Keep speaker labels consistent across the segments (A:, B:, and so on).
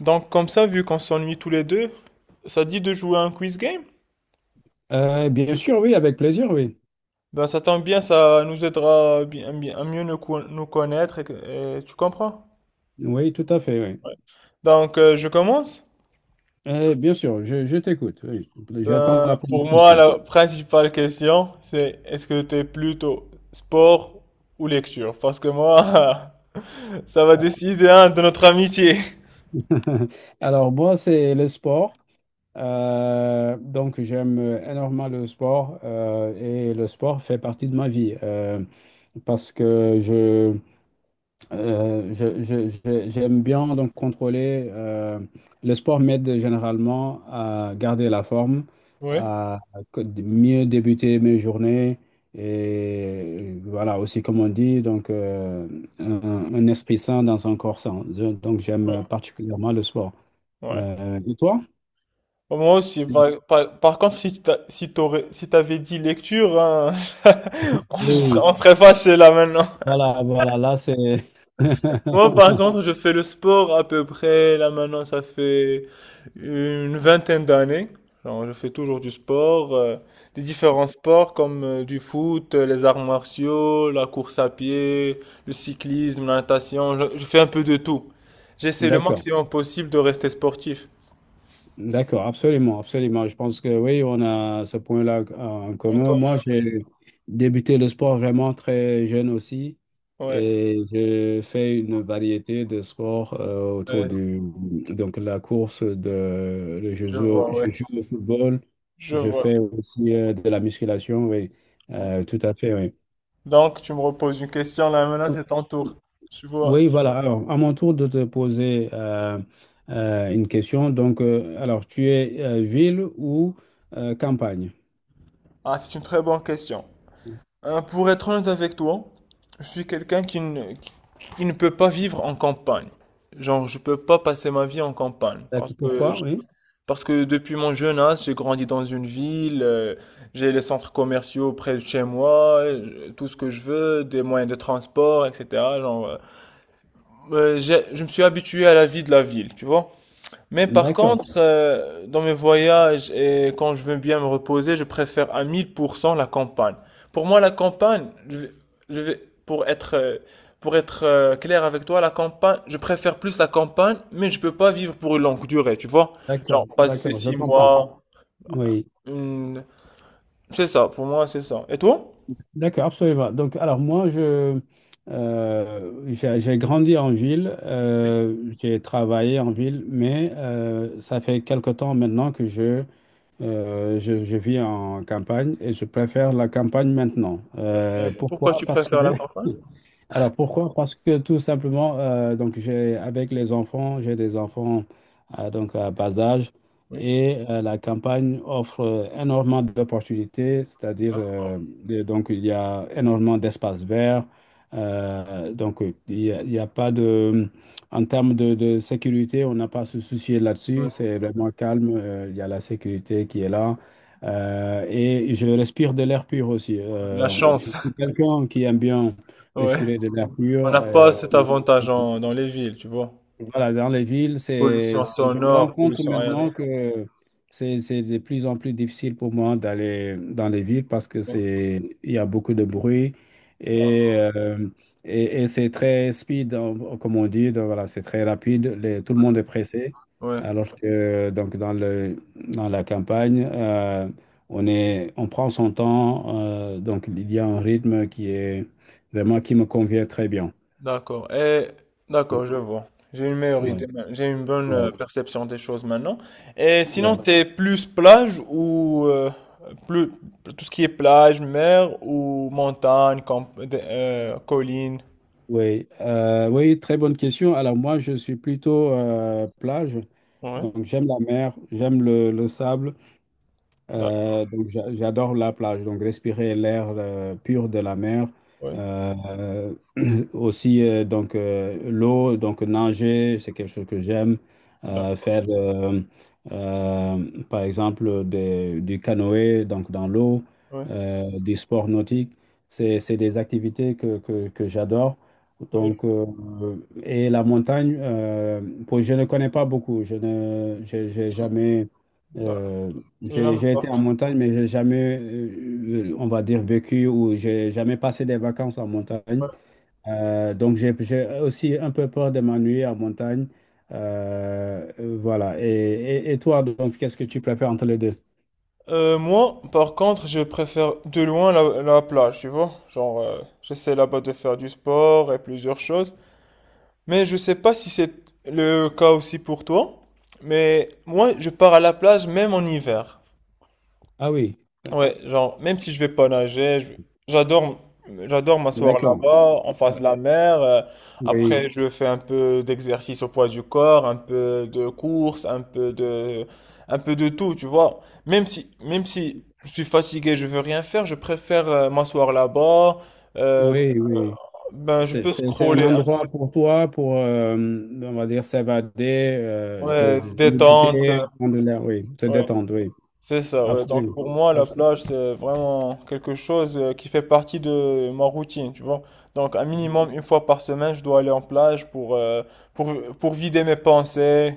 A: Donc comme ça, vu qu'on s'ennuie tous les deux, ça dit de jouer à un quiz game?
B: Bien sûr, oui, avec plaisir, oui.
A: Ben ça tombe bien, ça nous aidera à, mieux nous, nous connaître, et, et tu comprends?
B: Oui, tout à fait, oui.
A: Donc je commence.
B: Bien sûr, je t'écoute, oui. J'attends
A: Ben
B: la première
A: pour moi,
B: question.
A: la principale question, c'est est-ce que t'es plutôt sport ou lecture? Parce que moi, ça va décider hein, de notre amitié.
B: Alors, moi, c'est le sport. Donc, j'aime énormément le sport et le sport fait partie de ma vie parce que j'aime bien donc contrôler. Le sport m'aide généralement à garder la forme,
A: Ouais,
B: à mieux débuter mes journées et voilà aussi comme on dit un esprit sain dans un corps sain. Donc j'aime particulièrement le sport.
A: ouais.
B: Et toi?
A: Bon, moi aussi.
B: C'est-
A: Par contre, si t'avais dit lecture, hein,
B: Oui,
A: on serait fâchés là maintenant.
B: voilà, voilà, là c'est.
A: Moi, par contre, je fais le sport à peu près, là maintenant, ça fait une vingtaine d'années. Alors, je fais toujours du sport, des différents sports comme du foot, les arts martiaux, la course à pied, le cyclisme, la natation. Je fais un peu de tout. J'essaie le
B: D'accord.
A: maximum possible de rester sportif.
B: D'accord, absolument, absolument. Je pense que oui, on a ce point-là en
A: Donc,
B: commun. Moi, j'ai débuté le sport vraiment très jeune aussi
A: ouais,
B: et j'ai fait une variété de sports autour
A: ouais,
B: du, donc la course de,
A: je vois,
B: je
A: ouais,
B: joue au football,
A: je
B: je
A: vois.
B: fais aussi de la musculation, oui.
A: Ouais.
B: Tout à fait, oui.
A: Donc, tu me reposes une question, là maintenant, c'est ton tour. Je vois.
B: Oui, voilà. Alors, à mon tour de te poser une question. Donc, alors, tu es ville ou campagne?
A: Ah, c'est une très bonne question. Pour être honnête avec toi, je suis quelqu'un qui ne peut pas vivre en campagne. Genre, je peux pas passer ma vie en campagne
B: D'accord. Pourquoi? Oui.
A: parce que depuis mon jeune âge, j'ai grandi dans une ville, j'ai les centres commerciaux près de chez moi, tout ce que je veux, des moyens de transport, etc. Genre, je me suis habitué à la vie de la ville, tu vois? Mais par
B: D'accord.
A: contre, dans mes voyages et quand je veux bien me reposer, je préfère à 1000% la campagne. Pour moi, la campagne, pour être, clair avec toi, la campagne, je préfère plus la campagne, mais je peux pas vivre pour une longue durée, tu vois?
B: D'accord.
A: Genre passer
B: D'accord. Je
A: six
B: comprends.
A: mois,
B: Oui.
A: une- c'est ça, pour moi, c'est ça. Et toi?
B: D'accord. Absolument. Donc, alors, moi, j'ai grandi en ville. J'ai travaillé en ville, mais ça fait quelque temps maintenant que je vis en campagne et je préfère la campagne maintenant.
A: Pourquoi
B: Pourquoi?
A: tu
B: Parce que
A: préfères la campagne?
B: Alors pourquoi? Parce que tout simplement, donc j'ai des enfants donc à bas âge et la campagne offre énormément d'opportunités, c'est-à-dire donc il y a énormément d'espaces verts, il y a pas de, en termes de sécurité, on n'a pas à se soucier là-dessus, c'est vraiment calme, il y a la sécurité qui est là. Et je respire de l'air pur aussi.
A: La
B: Je
A: chance,
B: suis quelqu'un qui aime bien
A: ouais.
B: respirer de l'air
A: On
B: pur.
A: n'a pas cet avantage dans les villes, tu vois.
B: Voilà, dans les villes,
A: Pollution
B: je me rends
A: sonore,
B: compte
A: pollution aérienne,
B: maintenant que c'est de plus en plus difficile pour moi d'aller dans les villes parce que il y a beaucoup de bruit et, et c'est très speed, hein, comme on dit, donc voilà, c'est très rapide, tout le monde est pressé.
A: ouais.
B: Alors que donc dans la campagne, on prend son temps, donc il y a un rythme qui est vraiment qui me convient très bien.
A: D'accord. Et
B: Ouais,
A: d'accord, je vois. J'ai une meilleure idée,
B: ouais,
A: j'ai une bonne perception des choses maintenant. Et sinon,
B: ouais,
A: t'es plus plage ou plus tout ce qui est plage, mer ou montagne, camp, des, colline.
B: ouais. Oui, très bonne question. Alors moi, je suis plutôt plage,
A: Ouais.
B: donc j'aime la mer, j'aime le sable.
A: D'accord.
B: Donc j'adore la plage, donc respirer l'air pur de la mer.
A: Ouais.
B: Euh, Aussi l'eau, donc nager, c'est quelque chose que j'aime.
A: D'accord.
B: Faire euh, par exemple du canoë donc dans l'eau,
A: Ouais.
B: du sport nautique, c'est des activités que j'adore.
A: Ouais.
B: Donc euh, et la montagne, je ne connais pas beaucoup, je ne j'ai jamais
A: D'accord.
B: euh,
A: T'es jamais
B: j'ai été en
A: parti.
B: montagne, mais j'ai jamais, on va dire, vécu ou j'ai jamais passé des vacances en montagne.
A: Ouais.
B: Donc, j'ai aussi un peu peur de m'ennuyer en montagne. Voilà. Et toi, donc, qu'est-ce que tu préfères entre les deux?
A: Moi, par contre, je préfère de loin la plage, tu vois. Genre, j'essaie là-bas de faire du sport et plusieurs choses. Mais je sais pas si c'est le cas aussi pour toi, mais moi je pars à la plage même en hiver.
B: Ah oui,
A: Ouais, genre même si je vais pas nager, j'adore j'adore m'asseoir
B: d'accord.
A: là-bas en face
B: Ouais.
A: de la mer.
B: Oui,
A: Après je fais un peu d'exercice au poids du corps, un peu de course, un peu de tout, tu vois. Même si je suis fatigué, je veux rien faire, je préfère m'asseoir là-bas. euh,
B: oui, oui.
A: ben je peux
B: C'est un
A: scroller, hein.
B: endroit pour toi, pour, on va dire, s'évader,
A: Ouais,
B: de
A: détente.
B: méditer, prendre l'air, oui, se
A: Ouais.
B: détendre, oui.
A: C'est ça, ouais. Donc
B: Absolument.
A: pour moi, la
B: Absolument.
A: plage, c'est vraiment quelque chose qui fait partie de ma routine, tu vois. Donc un minimum une fois par semaine, je dois aller en plage pour, pour vider mes pensées.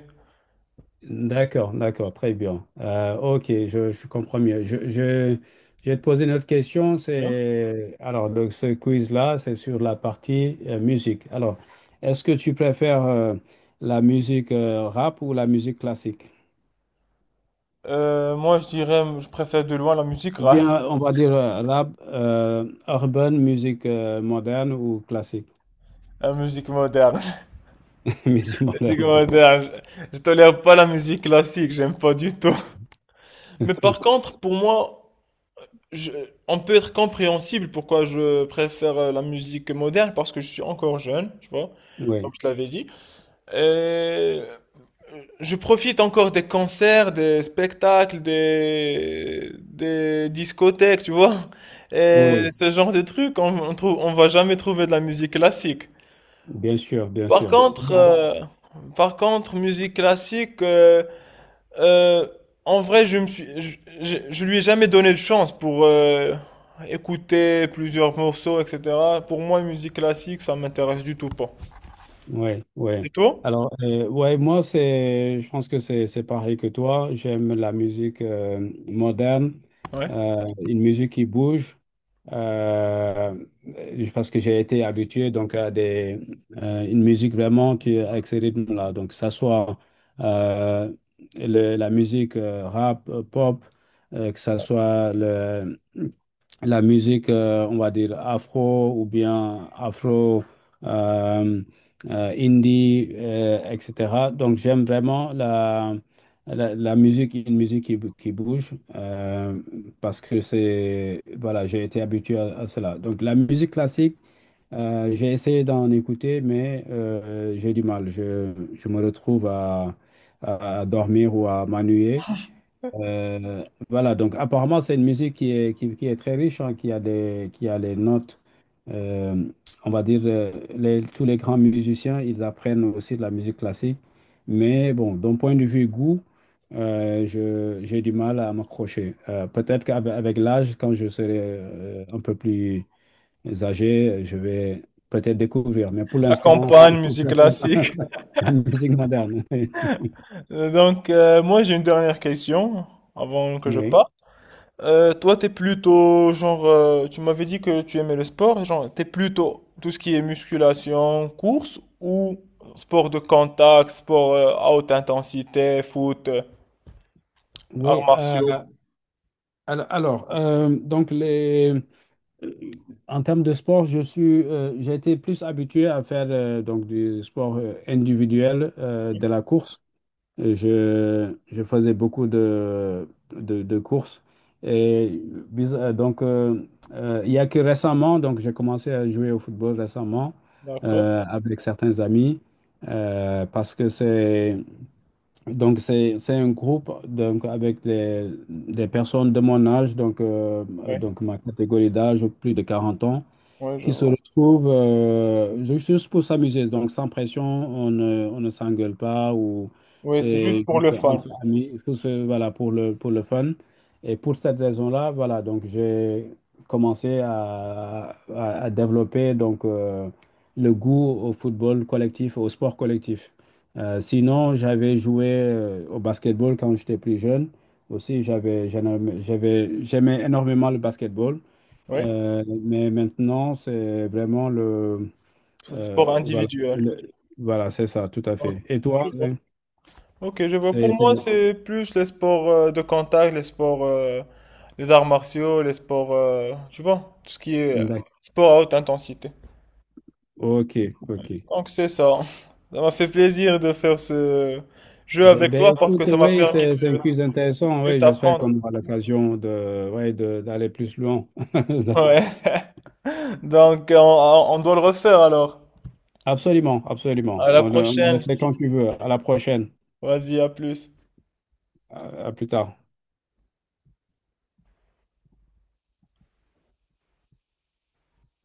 B: D'accord, d'accord, très bien. Ok, je comprends mieux. Je vais te poser une autre question.
A: Ouais.
B: Alors, ce quiz-là, c'est sur la partie musique. Alors, est-ce que tu préfères la musique rap ou la musique classique?
A: Moi, je dirais, je préfère de loin la musique
B: Ou
A: rap,
B: bien, on va dire rap, urban, musique moderne ou classique?
A: la musique moderne.
B: Musique
A: La musique
B: moderne.
A: moderne, je tolère pas la musique classique, j'aime pas du tout. Mais par contre, pour moi, je- on peut être compréhensible pourquoi je préfère la musique moderne, parce que je suis encore jeune, tu vois, comme
B: Oui,
A: je te l'avais dit. Euh, je profite encore des concerts, des spectacles, des discothèques, tu vois. Et
B: oui,
A: ce genre de trucs, on trouve, on va jamais trouver de la musique classique.
B: bien sûr, bien
A: Par
B: sûr.
A: contre, musique classique, euh, en vrai, je me suis, je lui ai jamais donné de chance pour écouter plusieurs morceaux, etc. Pour moi, musique classique, ça m'intéresse du tout pas.
B: Ouais,
A: Du
B: ouais.
A: tout?
B: Alors, ouais, moi, je pense que c'est pareil que toi. J'aime la musique moderne,
A: Ouais.
B: une musique qui bouge, euh, parce que j'ai été habitué donc une musique vraiment qui avec ce rythme-là. Donc, que ça soit euh, la musique rap, pop, que ça soit le la musique, on va dire afro ou bien afro, euh, indie, etc. Donc j'aime vraiment la musique, une musique qui bouge, parce que voilà, j'ai été habitué à cela. Donc la musique classique, j'ai essayé d'en écouter, mais j'ai du mal. Je me retrouve à dormir ou à m'ennuyer. Euh, voilà, donc apparemment c'est une musique qui est très riche, hein, qui a les notes, euh, on va dire, tous les grands musiciens, ils apprennent aussi de la musique classique. Mais bon, d'un point de vue goût, j'ai du mal à m'accrocher. Peut-être qu'avec l'âge, quand je serai un peu plus âgé, je vais peut-être découvrir. Mais pour
A: La
B: l'instant,
A: campagne,
B: je
A: musique
B: préfère
A: classique.
B: la musique moderne.
A: Moi, j'ai une dernière question avant que je
B: Oui,
A: parte. Toi, t'es plutôt, genre, tu m'avais dit que tu aimais le sport, et genre, t'es plutôt tout ce qui est musculation, course ou sport de contact, sport à haute intensité, foot, arts
B: oui.
A: martiaux.
B: Alors, donc les... Euh, En termes de sport, j'ai été plus habitué à faire donc du sport individuel, de la course. Je faisais beaucoup de courses. Et bis- euh, donc, euh, il y a que récemment, donc j'ai commencé à jouer au football récemment
A: D'accord.
B: avec certains amis parce que c'est un groupe donc, avec des personnes de mon âge,
A: Oui,
B: donc ma catégorie d'âge, plus de 40 ans
A: ouais, ouais, je
B: qui se
A: vois.
B: retrouvent juste pour s'amuser. Donc, sans pression, on ne s'engueule pas ou
A: Oui, c'est juste
B: c'est
A: pour le
B: juste
A: fun.
B: entre amis. Voilà, pour pour le fun. Et pour cette raison-là, voilà, donc j'ai commencé à développer donc, le goût au football collectif, au sport collectif. Sinon, j'avais joué au basketball quand j'étais plus jeune. Aussi, j'avais, j'en aimais- j'avais, j'aimais énormément le basketball.
A: Oui,
B: Mais maintenant, c'est vraiment le...
A: sport
B: voilà,
A: individuel.
B: voilà, c'est ça, tout à
A: Ok,
B: fait. Et
A: je
B: toi,
A: vois. Ok, je vois. Pour
B: c'est...
A: moi,
B: c'est-
A: c'est plus les sports de contact, les sports, les arts martiaux, les sports, tu vois, tout ce qui est
B: d'ac-
A: sport à haute intensité.
B: Ok, ok.
A: Donc c'est ça. Ça m'a fait plaisir de faire ce jeu avec toi
B: Ben,
A: parce que
B: écoute,
A: ça m'a
B: oui,
A: permis
B: c'est un
A: de
B: quiz intéressant.
A: mieux
B: Oui, j'espère
A: t'apprendre.
B: qu'on aura l'occasion ouais, d'aller plus loin.
A: Ouais. Donc on doit le refaire alors.
B: Absolument, absolument.
A: À la
B: On le
A: prochaine.
B: fait
A: Je te
B: quand
A: dis.
B: tu veux. À la prochaine.
A: Vas-y, à plus.
B: À plus tard.